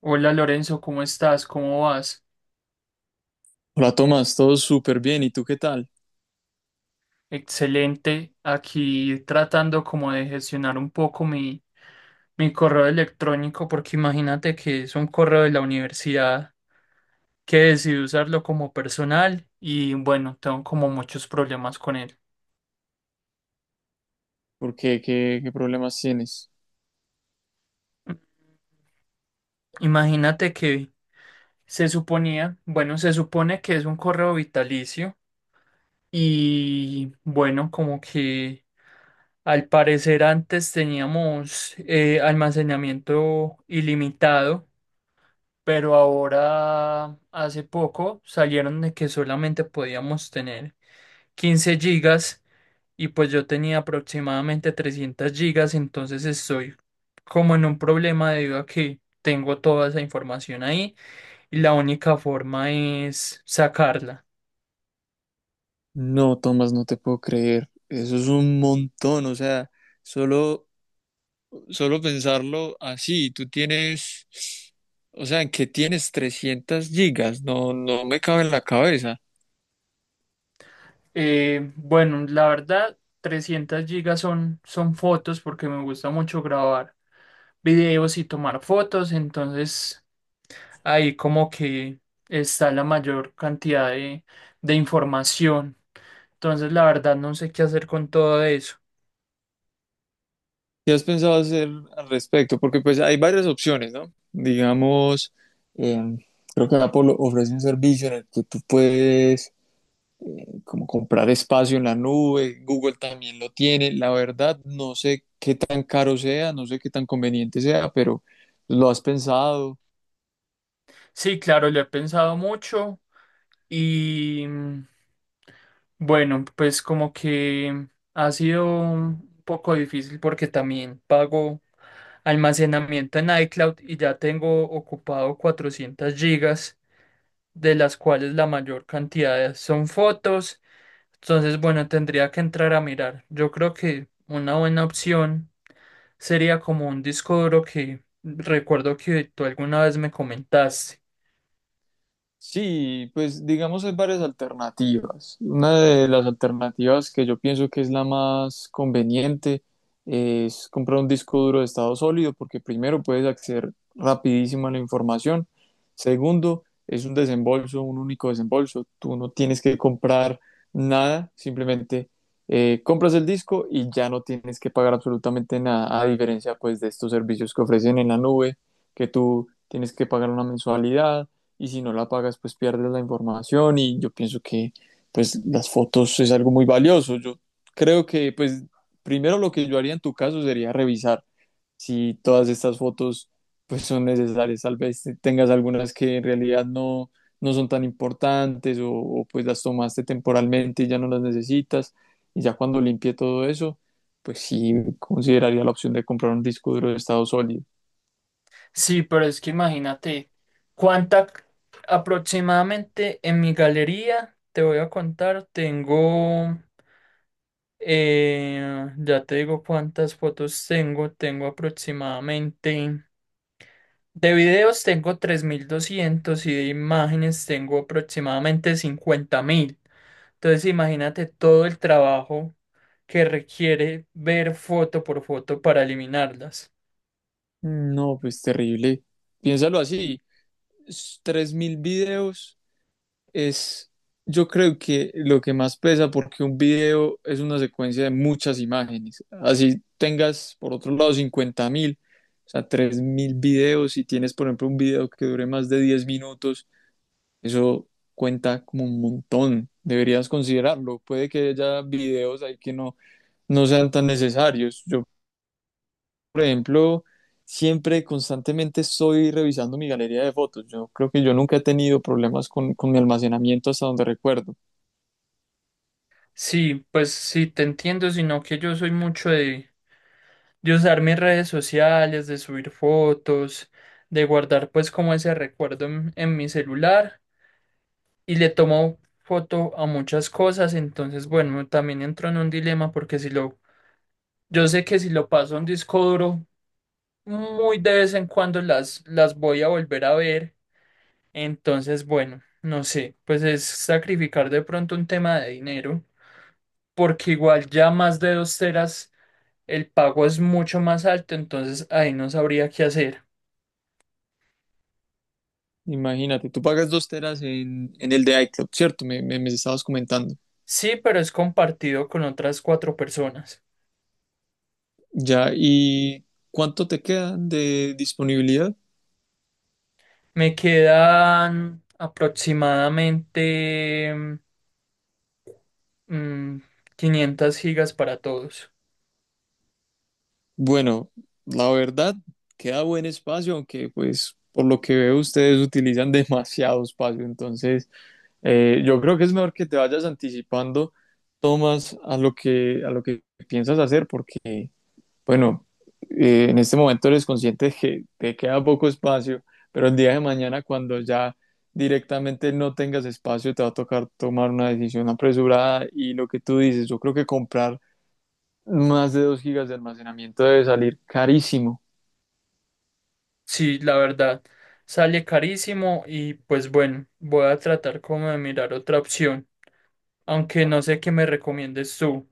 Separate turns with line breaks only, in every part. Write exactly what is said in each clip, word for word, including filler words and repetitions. Hola Lorenzo, ¿cómo estás? ¿Cómo vas?
Hola Tomás, todo súper bien. ¿Y tú qué tal?
Excelente. Aquí tratando como de gestionar un poco mi, mi correo electrónico, porque imagínate que es un correo de la universidad que decidí usarlo como personal y bueno, tengo como muchos problemas con él.
¿Por qué? ¿Qué, qué problemas tienes?
Imagínate que se suponía, bueno, se supone que es un correo vitalicio y bueno, como que. Al parecer antes teníamos eh, almacenamiento ilimitado, pero ahora hace poco salieron de que solamente podíamos tener quince gigas y pues yo tenía aproximadamente trescientas gigas, entonces estoy como en un problema debido a que tengo toda esa información ahí y la única forma es sacarla.
No, Tomás, no te puedo creer. Eso es un montón. O sea, solo, solo pensarlo así. Tú tienes, o sea, ¿en ¿qué tienes trescientas gigas? No, no me cabe en la cabeza.
Eh, bueno, la verdad, trescientas gigas son, son fotos porque me gusta mucho grabar videos y tomar fotos, entonces ahí como que está la mayor cantidad de, de información. Entonces la verdad no sé qué hacer con todo eso.
¿Qué has pensado hacer al respecto? Porque pues hay varias opciones, ¿no? Digamos, em, creo que Apple ofrece un servicio en el que tú puedes como comprar espacio en la nube, Google también lo tiene. La verdad, no sé qué tan caro sea, no sé qué tan conveniente sea, pero ¿lo has pensado?
Sí, claro, lo he pensado mucho y mm, bueno, pues como que ha sido un poco difícil porque también pago almacenamiento en iCloud y ya tengo ocupado cuatrocientas gigas, de las cuales la mayor cantidad son fotos. Entonces, bueno, tendría que entrar a mirar. Yo creo que una buena opción sería como un disco duro que recuerdo que tú alguna vez me comentaste.
Sí, pues digamos hay varias alternativas. Una de las alternativas que yo pienso que es la más conveniente es comprar un disco duro de estado sólido porque primero puedes acceder rapidísimo a la información. Segundo, es un desembolso, un único desembolso. Tú no tienes que comprar nada, simplemente eh, compras el disco y ya no tienes que pagar absolutamente nada, a diferencia pues de estos servicios que ofrecen en la nube, que tú tienes que pagar una mensualidad y si no la pagas, pues pierdes la información y yo pienso que pues las fotos es algo muy valioso. Yo creo que pues primero lo que yo haría en tu caso sería revisar si todas estas fotos pues son necesarias. Tal vez tengas algunas que en realidad no, no son tan importantes o, o, pues las tomaste temporalmente y ya no las necesitas. Y ya cuando limpie todo eso, pues sí consideraría la opción de comprar un disco duro de estado sólido.
Sí, pero es que imagínate cuánta c- aproximadamente en mi galería, te voy a contar, tengo, eh, ya te digo cuántas fotos tengo, tengo aproximadamente. De videos tengo tres mil doscientos y de imágenes tengo aproximadamente cincuenta mil. Entonces imagínate todo el trabajo que requiere ver foto por foto para eliminarlas.
Mm, no, pues terrible. Piénsalo así, s- tres mil videos es, yo creo que lo que más pesa porque un video es una secuencia de muchas imágenes. Así tengas, por otro lado, cincuenta mil, o sea, tres mil videos. Si tienes, por ejemplo, un video que dure más de diez minutos, eso cuenta como un montón. Deberías considerarlo. Puede que haya videos ahí que no, no sean tan necesarios. Yo, por ejemplo, siempre constantemente estoy revisando mi galería de fotos. Yo creo que yo nunca he tenido problemas con, con mi almacenamiento hasta donde recuerdo.
Sí, pues sí, te entiendo, sino que yo soy mucho de, de usar mis redes sociales, de subir fotos, de guardar pues como ese recuerdo en, en mi celular y le tomo foto a muchas cosas, entonces bueno, también entro en un dilema porque si lo yo sé que si lo paso a un disco duro, muy de vez en cuando las, las voy a volver a ver. Entonces, bueno, no sé, pues es sacrificar de pronto un tema de dinero, porque igual ya más de dos teras el pago es mucho más alto, entonces ahí no sabría qué hacer.
Imagínate, tú pagas dos teras en, en el de iCloud, ¿cierto? Me, me, me estabas comentando.
Sí, pero es compartido con otras cuatro personas.
Ya, ¿y cuánto te quedan de disponibilidad?
Me quedan aproximadamente mm, quinientas gigas para todos.
Bueno, la verdad, queda buen espacio, aunque pues por lo que veo ustedes utilizan demasiado espacio, entonces. Eh, yo creo que es mejor que te vayas anticipando, Tomás, a lo que, a lo que piensas hacer, porque, bueno, eh, en este momento eres consciente de que te queda poco espacio, pero el día de mañana, cuando ya directamente no tengas espacio, te va a tocar tomar una decisión apresurada y lo que tú dices, yo creo que comprar más de dos gigas de almacenamiento debe salir carísimo.
Sí, la verdad, sale carísimo y pues bueno, voy a tratar como de mirar otra opción, aunque no sé qué me recomiendes tú.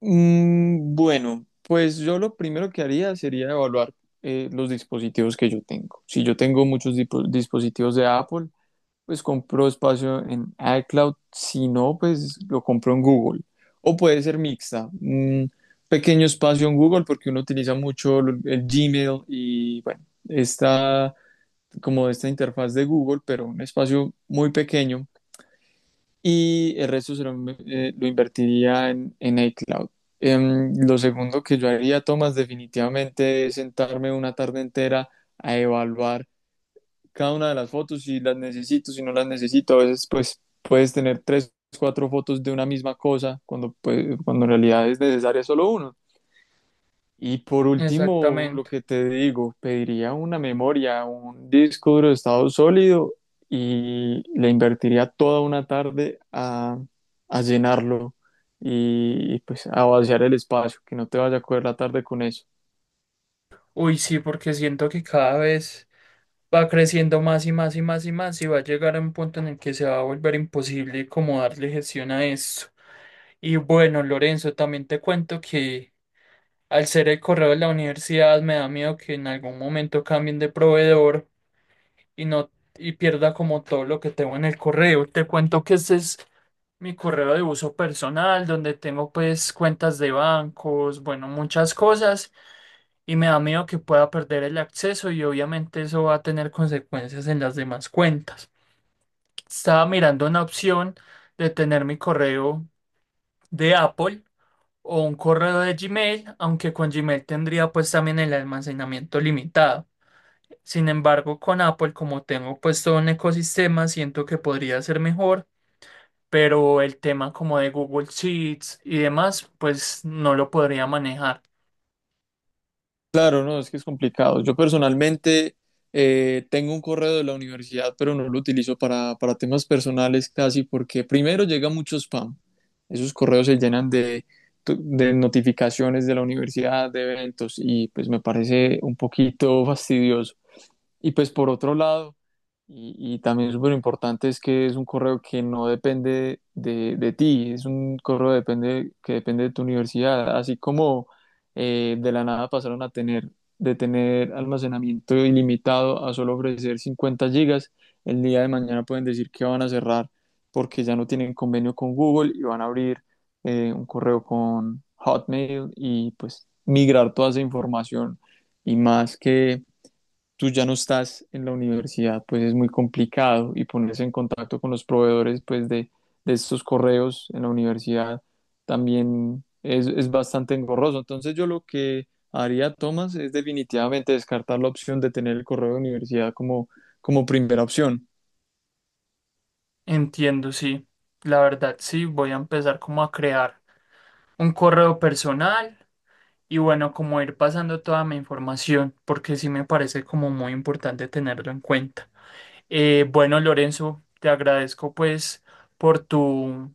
Mm, bueno, pues yo lo primero que haría sería evaluar eh, los dispositivos que yo tengo. Si yo tengo muchos dipo- dispositivos de Apple, pues compro espacio en iCloud. Si no, pues lo compro en Google. O puede ser mixta. Un pequeño espacio en Google porque uno utiliza mucho lo- el Gmail y bueno, está como esta interfaz de Google, pero un espacio muy pequeño y el resto se lo, eh, lo invertiría en, en iCloud. Em, lo segundo que yo haría, Tomás, definitivamente es sentarme una tarde entera a evaluar cada una de las fotos, si las necesito, si no las necesito. A veces, pues, puedes tener tres, cuatro fotos de una misma cosa cuando, pues, cuando en realidad es necesaria solo una. Y por último, lo
Exactamente.
que te digo, pediría una memoria, un disco duro de estado sólido y le invertiría toda una tarde a, a llenarlo y, y, pues a vaciar el espacio, que no te vaya a coger la tarde con eso.
Uy, sí, porque siento que cada vez va creciendo más y más y más y más y va a llegar a un punto en el que se va a volver imposible como darle gestión a esto. Y bueno, Lorenzo, también te cuento que al ser el correo de la universidad me da miedo que en algún momento cambien de proveedor y no y pierda como todo lo que tengo en el correo. Te cuento que este es mi correo de uso personal, donde tengo pues cuentas de bancos, bueno, muchas cosas, y me da miedo que pueda perder el acceso y obviamente eso va a tener consecuencias en las demás cuentas. Estaba mirando una opción de tener mi correo de Apple o un correo de Gmail, aunque con Gmail tendría pues también el almacenamiento limitado. Sin embargo, con Apple, como tengo pues todo un ecosistema, siento que podría ser mejor, pero el tema como de Google Sheets y demás, pues no lo podría manejar.
Claro, no, es que es complicado. Yo personalmente eh, tengo un correo de la universidad, pero no lo utilizo para, para temas personales casi porque primero llega mucho spam. Esos correos se llenan de, tu- de notificaciones de la universidad, de eventos, y pues me parece un poquito fastidioso. Y pues por otro lado, y, y también súper importante, es que es un correo que no depende de, de ti, es un correo depende, que depende de tu universidad, así como eh, de la nada pasaron a tener, de tener almacenamiento ilimitado a solo ofrecer cincuenta gigas, el día de mañana pueden decir que van a cerrar porque ya no tienen convenio con Google y van a abrir eh, un correo con Hotmail y pues migrar toda esa información y más que tú ya no estás en la universidad, pues es muy complicado y ponerse en contacto con los proveedores pues de, de estos correos en la universidad también es, es bastante engorroso. Entonces yo lo que haría, Tomás, es definitivamente descartar la opción de tener el correo de universidad como, como primera opción.
Entiendo, sí. La verdad, sí, voy a empezar como a crear un correo personal y bueno, como ir pasando toda mi información, porque sí me parece como muy importante tenerlo en cuenta. Eh, bueno, Lorenzo, te agradezco pues por tu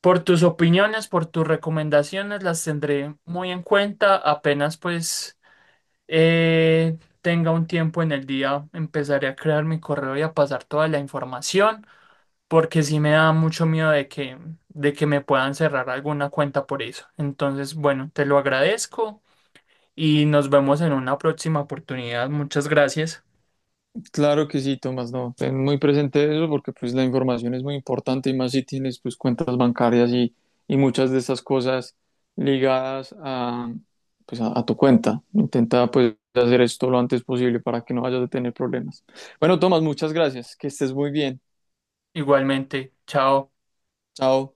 por tus opiniones, por tus recomendaciones, las tendré muy en cuenta. Apenas pues eh, tenga un tiempo en el día, empezaré a crear mi correo y a pasar toda la información, porque sí me da mucho miedo de que, de que, me puedan cerrar alguna cuenta por eso. Entonces, bueno, te lo agradezco y nos vemos en una próxima oportunidad. Muchas gracias.
Claro que sí, Tomás, no, ten muy presente eso porque pues la información es muy importante y más si tienes pues cuentas bancarias y, y muchas de esas cosas ligadas a, pues, a, a tu cuenta. Intenta pues hacer esto lo antes posible para que no vayas a tener problemas. Bueno, Tomás, muchas gracias, que estés muy bien.
Igualmente, chao.
Chao.